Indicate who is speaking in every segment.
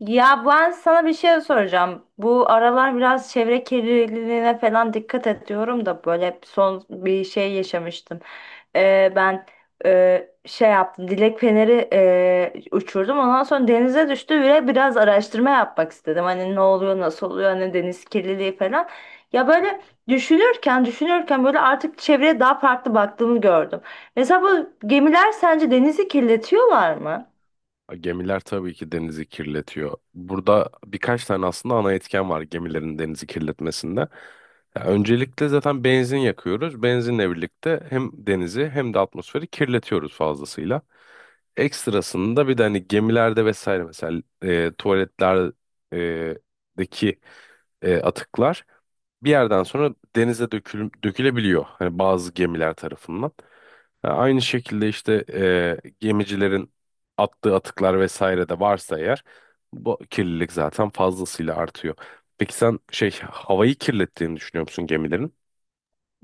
Speaker 1: Ya ben sana bir şey soracağım. Bu aralar biraz çevre kirliliğine falan dikkat ediyorum da böyle son bir şey yaşamıştım. Ben şey yaptım. Dilek feneri uçurdum. Ondan sonra denize düştü ve biraz araştırma yapmak istedim. Hani ne oluyor, nasıl oluyor, hani deniz kirliliği falan. Ya böyle düşünürken böyle artık çevreye daha farklı baktığımı gördüm. Mesela bu gemiler sence denizi kirletiyorlar mı?
Speaker 2: Gemiler tabii ki denizi kirletiyor. Burada birkaç tane aslında ana etken var gemilerin denizi kirletmesinde. Ya öncelikle zaten benzin yakıyoruz. Benzinle birlikte hem denizi hem de atmosferi kirletiyoruz fazlasıyla. Ekstrasında bir de hani gemilerde vesaire mesela tuvaletlerdeki atıklar bir yerden sonra denize dökülebiliyor. Hani bazı gemiler tarafından. Ha, Aynı şekilde işte gemicilerin attığı atıklar vesaire de varsa eğer bu kirlilik zaten fazlasıyla artıyor. Peki sen şey havayı kirlettiğini düşünüyor musun gemilerin?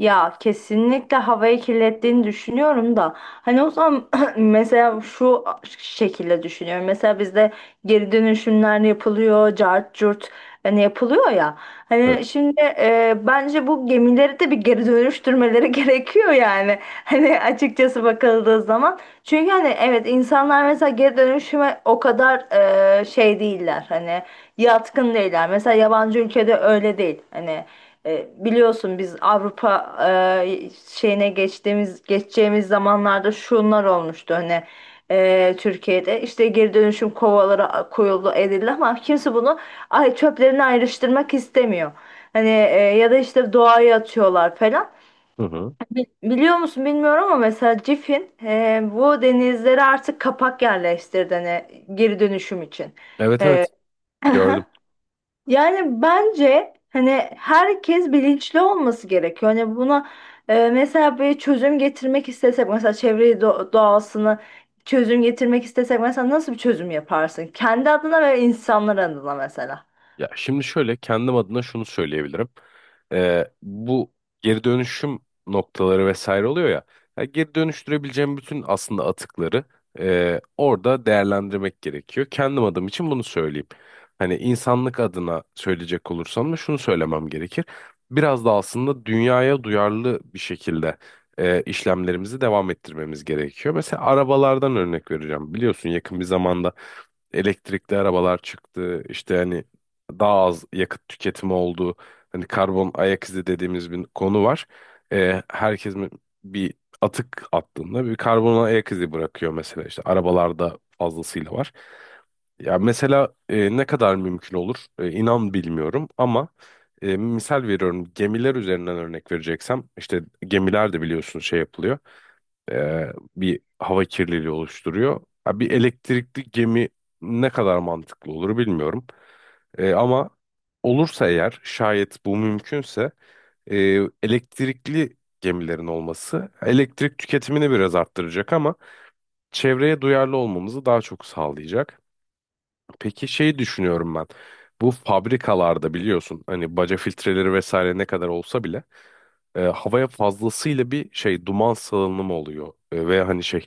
Speaker 1: Ya kesinlikle havayı kirlettiğini düşünüyorum da hani o zaman mesela şu şekilde düşünüyorum. Mesela bizde geri dönüşümler yapılıyor, cart curt hani yapılıyor ya.
Speaker 2: Evet.
Speaker 1: Hani şimdi bence bu gemileri de bir geri dönüştürmeleri gerekiyor yani. Hani açıkçası bakıldığı zaman. Çünkü hani evet insanlar mesela geri dönüşüme o kadar şey değiller. Hani yatkın değiller. Mesela yabancı ülkede öyle değil. Hani biliyorsun biz Avrupa şeyine geçeceğimiz zamanlarda şunlar olmuştu hani Türkiye'de işte geri dönüşüm kovaları koyuldu edildi ama kimse bunu ay çöplerini ayrıştırmak istemiyor. Hani ya da işte doğaya atıyorlar falan.
Speaker 2: Hı hı.
Speaker 1: Biliyor musun bilmiyorum ama mesela Cif'in bu denizlere artık kapak yerleştirdi hani geri dönüşüm için.
Speaker 2: Evet,
Speaker 1: E,
Speaker 2: evet, gördüm.
Speaker 1: Yani bence hani herkes bilinçli olması gerekiyor. Hani buna mesela bir çözüm getirmek istesek mesela çevreyi doğasını çözüm getirmek istesek mesela nasıl bir çözüm yaparsın? Kendi adına ve insanlar adına mesela.
Speaker 2: Ya şimdi şöyle kendim adına şunu söyleyebilirim. Bu geri dönüşüm noktaları vesaire oluyor ya. Ya geri dönüştürebileceğim bütün aslında atıkları orada değerlendirmek gerekiyor. Kendim adım için bunu söyleyeyim. Hani insanlık adına söyleyecek olursam da şunu söylemem gerekir. Biraz da aslında dünyaya duyarlı bir şekilde işlemlerimizi devam ettirmemiz gerekiyor. Mesela arabalardan örnek vereceğim. Biliyorsun yakın bir zamanda elektrikli arabalar çıktı. İşte hani daha az yakıt tüketimi olduğu hani karbon ayak izi dediğimiz bir konu var. Ee, herkes mi- bir atık attığında bir karbon ayak izi bırakıyor mesela işte arabalarda fazlasıyla var. Ya mesela ne kadar mümkün olur inan bilmiyorum ama misal veriyorum gemiler üzerinden örnek vereceksem işte gemiler de biliyorsun şey yapılıyor e, bir hava kirliliği oluşturuyor. Ha, bir elektrikli gemi ne kadar mantıklı olur bilmiyorum. Ama olursa eğer şayet bu mümkünse e, elektrikli gemilerin olması elektrik tüketimini biraz arttıracak ama çevreye duyarlı olmamızı daha çok sağlayacak. Peki şeyi düşünüyorum ben. Bu fabrikalarda biliyorsun hani baca filtreleri vesaire ne kadar olsa bile havaya fazlasıyla bir şey duman salınımı oluyor. Ve hani şey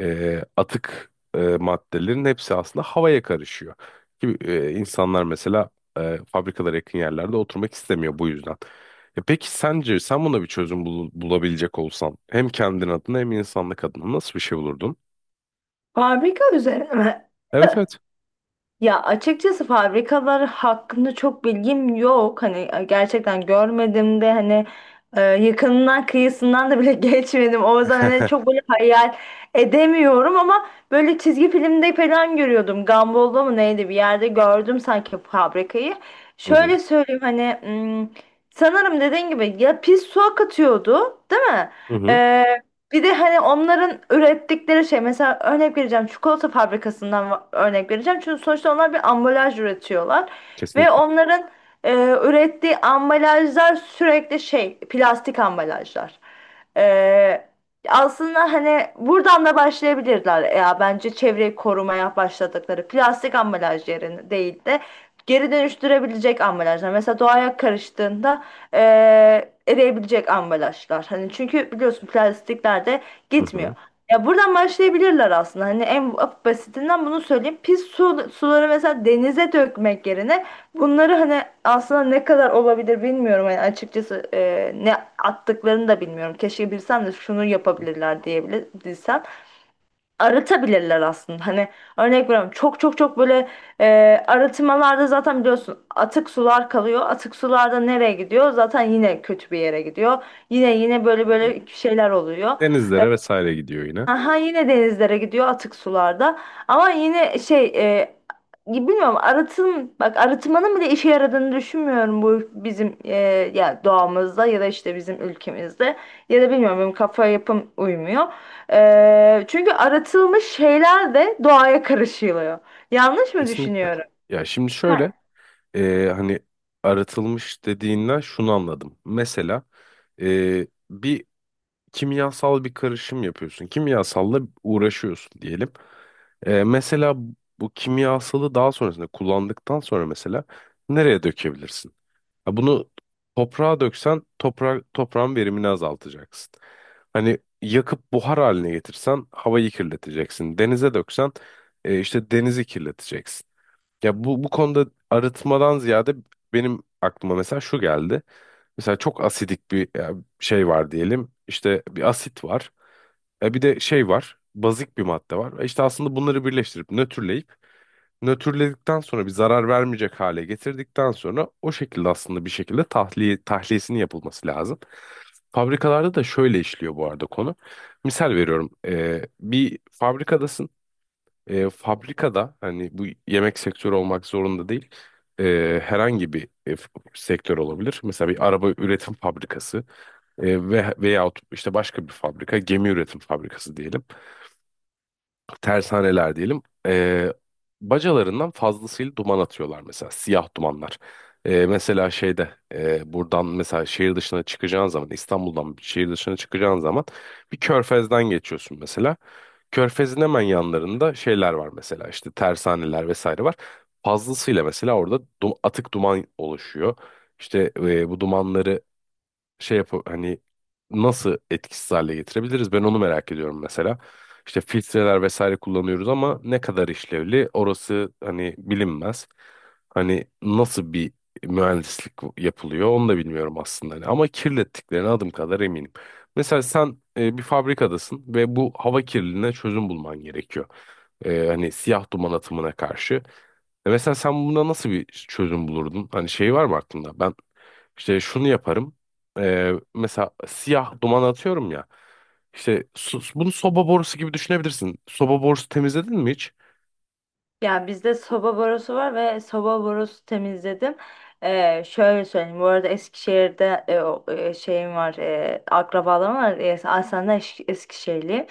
Speaker 2: atık maddelerin hepsi aslında havaya karışıyor. İnsanlar mesela fabrikalara yakın yerlerde oturmak istemiyor bu yüzden. Peki sence sen buna bir çözüm bulabilecek olsan hem kendin adına hem insanlık adına nasıl bir şey bulurdun?
Speaker 1: Fabrika üzerine mi?
Speaker 2: Evet, evet.
Speaker 1: Ya açıkçası fabrikalar hakkında çok bilgim yok. Hani gerçekten görmedim de hani yakınından kıyısından da bile geçmedim. O yüzden hani çok böyle hayal edemiyorum ama böyle çizgi filmde falan görüyordum. Gumball'da mı neydi bir yerde gördüm sanki fabrikayı.
Speaker 2: Hı hı.
Speaker 1: Şöyle söyleyeyim hani sanırım dediğin gibi ya pis su akıtıyordu değil mi?
Speaker 2: Hı hı.
Speaker 1: Bir de hani onların ürettikleri şey mesela örnek vereceğim çikolata fabrikasından örnek vereceğim. Çünkü sonuçta onlar bir ambalaj üretiyorlar ve
Speaker 2: Kesinlikle.
Speaker 1: onların e, ürettiği ambalajlar sürekli şey plastik ambalajlar. E, aslında hani buradan da başlayabilirler. Ya bence çevreyi korumaya başladıkları plastik ambalaj yerine değil de geri dönüştürebilecek ambalajlar. Mesela doğaya karıştığında eriyebilecek ambalajlar. Hani çünkü biliyorsun plastikler de
Speaker 2: Hı
Speaker 1: gitmiyor.
Speaker 2: hı.
Speaker 1: Ya buradan başlayabilirler aslında. Hani en basitinden bunu söyleyeyim. Pis su, suları mesela denize dökmek yerine bunları hani aslında ne kadar olabilir bilmiyorum. Yani açıkçası ne attıklarını da bilmiyorum. Keşke bilsem de şunu
Speaker 2: Hı hı.
Speaker 1: yapabilirler diyebilir, aratabilirler aslında. Hani örnek veriyorum çok çok çok böyle e, arıtmalarda zaten biliyorsun atık sular kalıyor. Atık sularda nereye gidiyor? Zaten yine kötü bir yere gidiyor. Yine yine böyle
Speaker 2: Hı hı.
Speaker 1: böyle şeyler oluyor.
Speaker 2: Denizlere vesaire gidiyor yine.
Speaker 1: Aha yine denizlere gidiyor atık sularda. Ama yine şey bilmiyorum arıtım bak arıtmanın bile işe yaradığını düşünmüyorum bu bizim ya doğamızda ya da işte bizim ülkemizde ya da bilmiyorum benim kafa yapım uymuyor. Çünkü arıtılmış şeyler de doğaya karışılıyor. Yanlış mı
Speaker 2: Kesinlikle.
Speaker 1: düşünüyorum?
Speaker 2: Ya şimdi şöyle hani aratılmış dediğinden şunu anladım. Mesela bir kimyasal bir karışım yapıyorsun. Kimyasalla uğraşıyorsun diyelim. Mesela bu kimyasalı daha sonrasında kullandıktan sonra mesela nereye dökebilirsin? Ha, bunu toprağa döksen toprağın verimini azaltacaksın. Hani yakıp buhar haline getirsen havayı kirleteceksin. Denize döksen işte denizi kirleteceksin. Ya bu konuda arıtmadan ziyade benim aklıma mesela şu geldi. Mesela çok asidik şey var diyelim. İşte bir asit var. E bir de şey var. Bazik bir madde var. E İşte aslında bunları birleştirip nötrleyip nötrledikten sonra bir zarar vermeyecek hale getirdikten sonra o şekilde aslında bir şekilde tahliyesinin yapılması lazım. Fabrikalarda da şöyle işliyor bu arada konu. Misal veriyorum. Bir fabrikadasın fabrikada hani bu yemek sektörü olmak zorunda değil. Herhangi bir sektör olabilir. Mesela bir araba üretim fabrikası ve veyahut işte başka bir fabrika gemi üretim fabrikası diyelim tersaneler diyelim, bacalarından fazlasıyla duman atıyorlar mesela siyah dumanlar. Mesela şeyde buradan mesela şehir dışına çıkacağın zaman İstanbul'dan bir şehir dışına çıkacağın zaman bir körfezden geçiyorsun mesela. Körfezin hemen yanlarında şeyler var mesela işte tersaneler vesaire var. Fazlasıyla mesela orada atık duman oluşuyor. İşte bu dumanları şey yap hani nasıl etkisiz hale getirebiliriz? Ben onu merak ediyorum mesela. İşte filtreler vesaire kullanıyoruz ama ne kadar işlevli orası hani bilinmez. Hani nasıl bir mühendislik yapılıyor onu da bilmiyorum aslında. Hani ama kirlettiklerine adım kadar eminim. Mesela sen bir fabrikadasın ve bu hava kirliliğine çözüm bulman gerekiyor. Hani siyah duman atımına karşı. E mesela sen buna nasıl bir çözüm bulurdun? Hani şey var mı aklında? Ben işte şunu yaparım. Mesela siyah duman atıyorum ya. İşte bunu soba borusu gibi düşünebilirsin. Soba borusu temizledin mi hiç?
Speaker 1: Ya bizde soba borusu var ve soba borusu temizledim. Şöyle söyleyeyim. Bu arada Eskişehir'de şeyim var. E, akrabalarım var. Aslında Eskişehirliyim.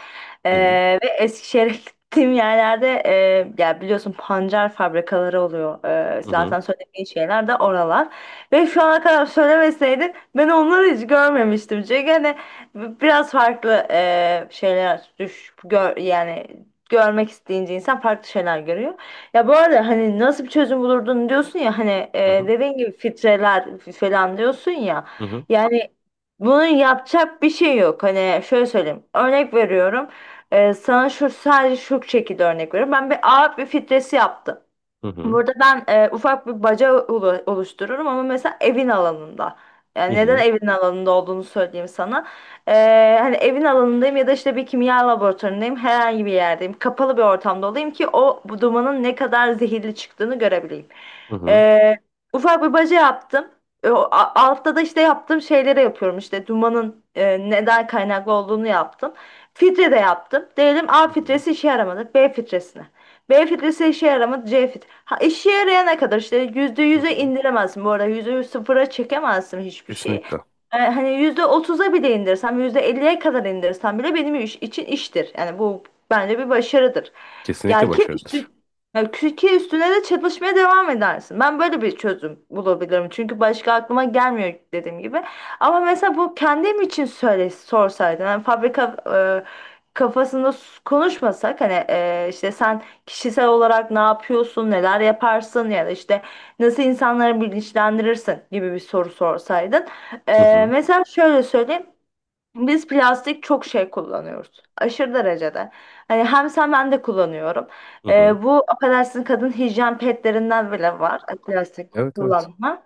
Speaker 2: Hı hı.
Speaker 1: Ve Eskişehir'e gittiğim yerlerde ya biliyorsun pancar fabrikaları oluyor.
Speaker 2: Hı hı.
Speaker 1: Zaten söylediğin şeyler de oralar. Ve şu ana kadar söylemeseydin ben onları hiç görmemiştim. Çünkü hani biraz farklı şeyler gör, yani görmek isteyince insan farklı şeyler görüyor. Ya bu arada hani nasıl bir çözüm bulurdun diyorsun ya hani
Speaker 2: Hı hı.
Speaker 1: dediğin gibi filtreler falan diyorsun ya.
Speaker 2: Hı hı.
Speaker 1: Yani bunun yapacak bir şey yok. Hani şöyle söyleyeyim. Örnek veriyorum. Sana şu sadece şu şekilde örnek veriyorum. Ben bir ağır bir filtresi yaptım.
Speaker 2: Hı hı.
Speaker 1: Burada ben ufak bir baca oluştururum ama mesela evin alanında.
Speaker 2: Hı
Speaker 1: Yani neden
Speaker 2: hı.
Speaker 1: evin alanında olduğunu söyleyeyim sana. Hani evin alanındayım ya da işte bir kimya laboratuvarındayım, herhangi bir yerdeyim. Kapalı bir ortamda olayım ki o bu dumanın ne kadar zehirli çıktığını görebileyim.
Speaker 2: Hı hı.
Speaker 1: E, ufak bir baca yaptım. Altta da işte yaptığım şeyleri yapıyorum. İşte dumanın neden kaynaklı olduğunu yaptım. Filtre de yaptım. Diyelim A
Speaker 2: Hı hı.
Speaker 1: filtresi işe yaramadı. B filtresine. B filtresi işe yaramadı. C filtresi. Ha, işe yarayana kadar işte yüzde
Speaker 2: Hı
Speaker 1: yüze
Speaker 2: hı.
Speaker 1: indiremezsin bu arada %0'a çekemezsin hiçbir şeyi.
Speaker 2: Kesinlikle.
Speaker 1: Hani %30'a bile indirsem %50'ye kadar indirsem bile benim için iştir. Yani bu bence bir başarıdır.
Speaker 2: Kesinlikle
Speaker 1: Gel ki üstü
Speaker 2: başarıdır.
Speaker 1: ya ki üstüne de çalışmaya devam edersin. Ben böyle bir çözüm bulabilirim. Çünkü başka aklıma gelmiyor dediğim gibi. Ama mesela bu kendim için söyle sorsaydın. Yani fabrika kafasında konuşmasak hani işte sen kişisel olarak ne yapıyorsun, neler yaparsın ya da işte nasıl insanları bilinçlendirirsin gibi bir soru sorsaydın.
Speaker 2: Hı hı.
Speaker 1: Mesela şöyle söyleyeyim. Biz plastik çok şey kullanıyoruz. Aşırı derecede. Hani hem sen ben de kullanıyorum.
Speaker 2: Hı hı.
Speaker 1: Bu affedersin kadın hijyen pedlerinden bile var. Plastik
Speaker 2: Evet, evet.
Speaker 1: kullanma.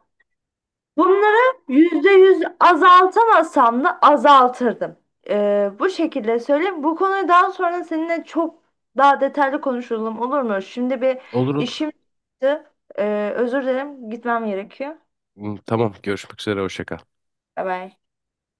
Speaker 1: Bunları %100 azaltamasam da azaltırdım. Bu şekilde söyleyeyim. Bu konuyu daha sonra seninle çok daha detaylı konuşalım olur mu? Şimdi bir
Speaker 2: Olur, olur.
Speaker 1: işim çıktı. Özür dilerim. Gitmem gerekiyor.
Speaker 2: Hı, tamam. Görüşmek üzere. Hoşça kal.
Speaker 1: Bye bye.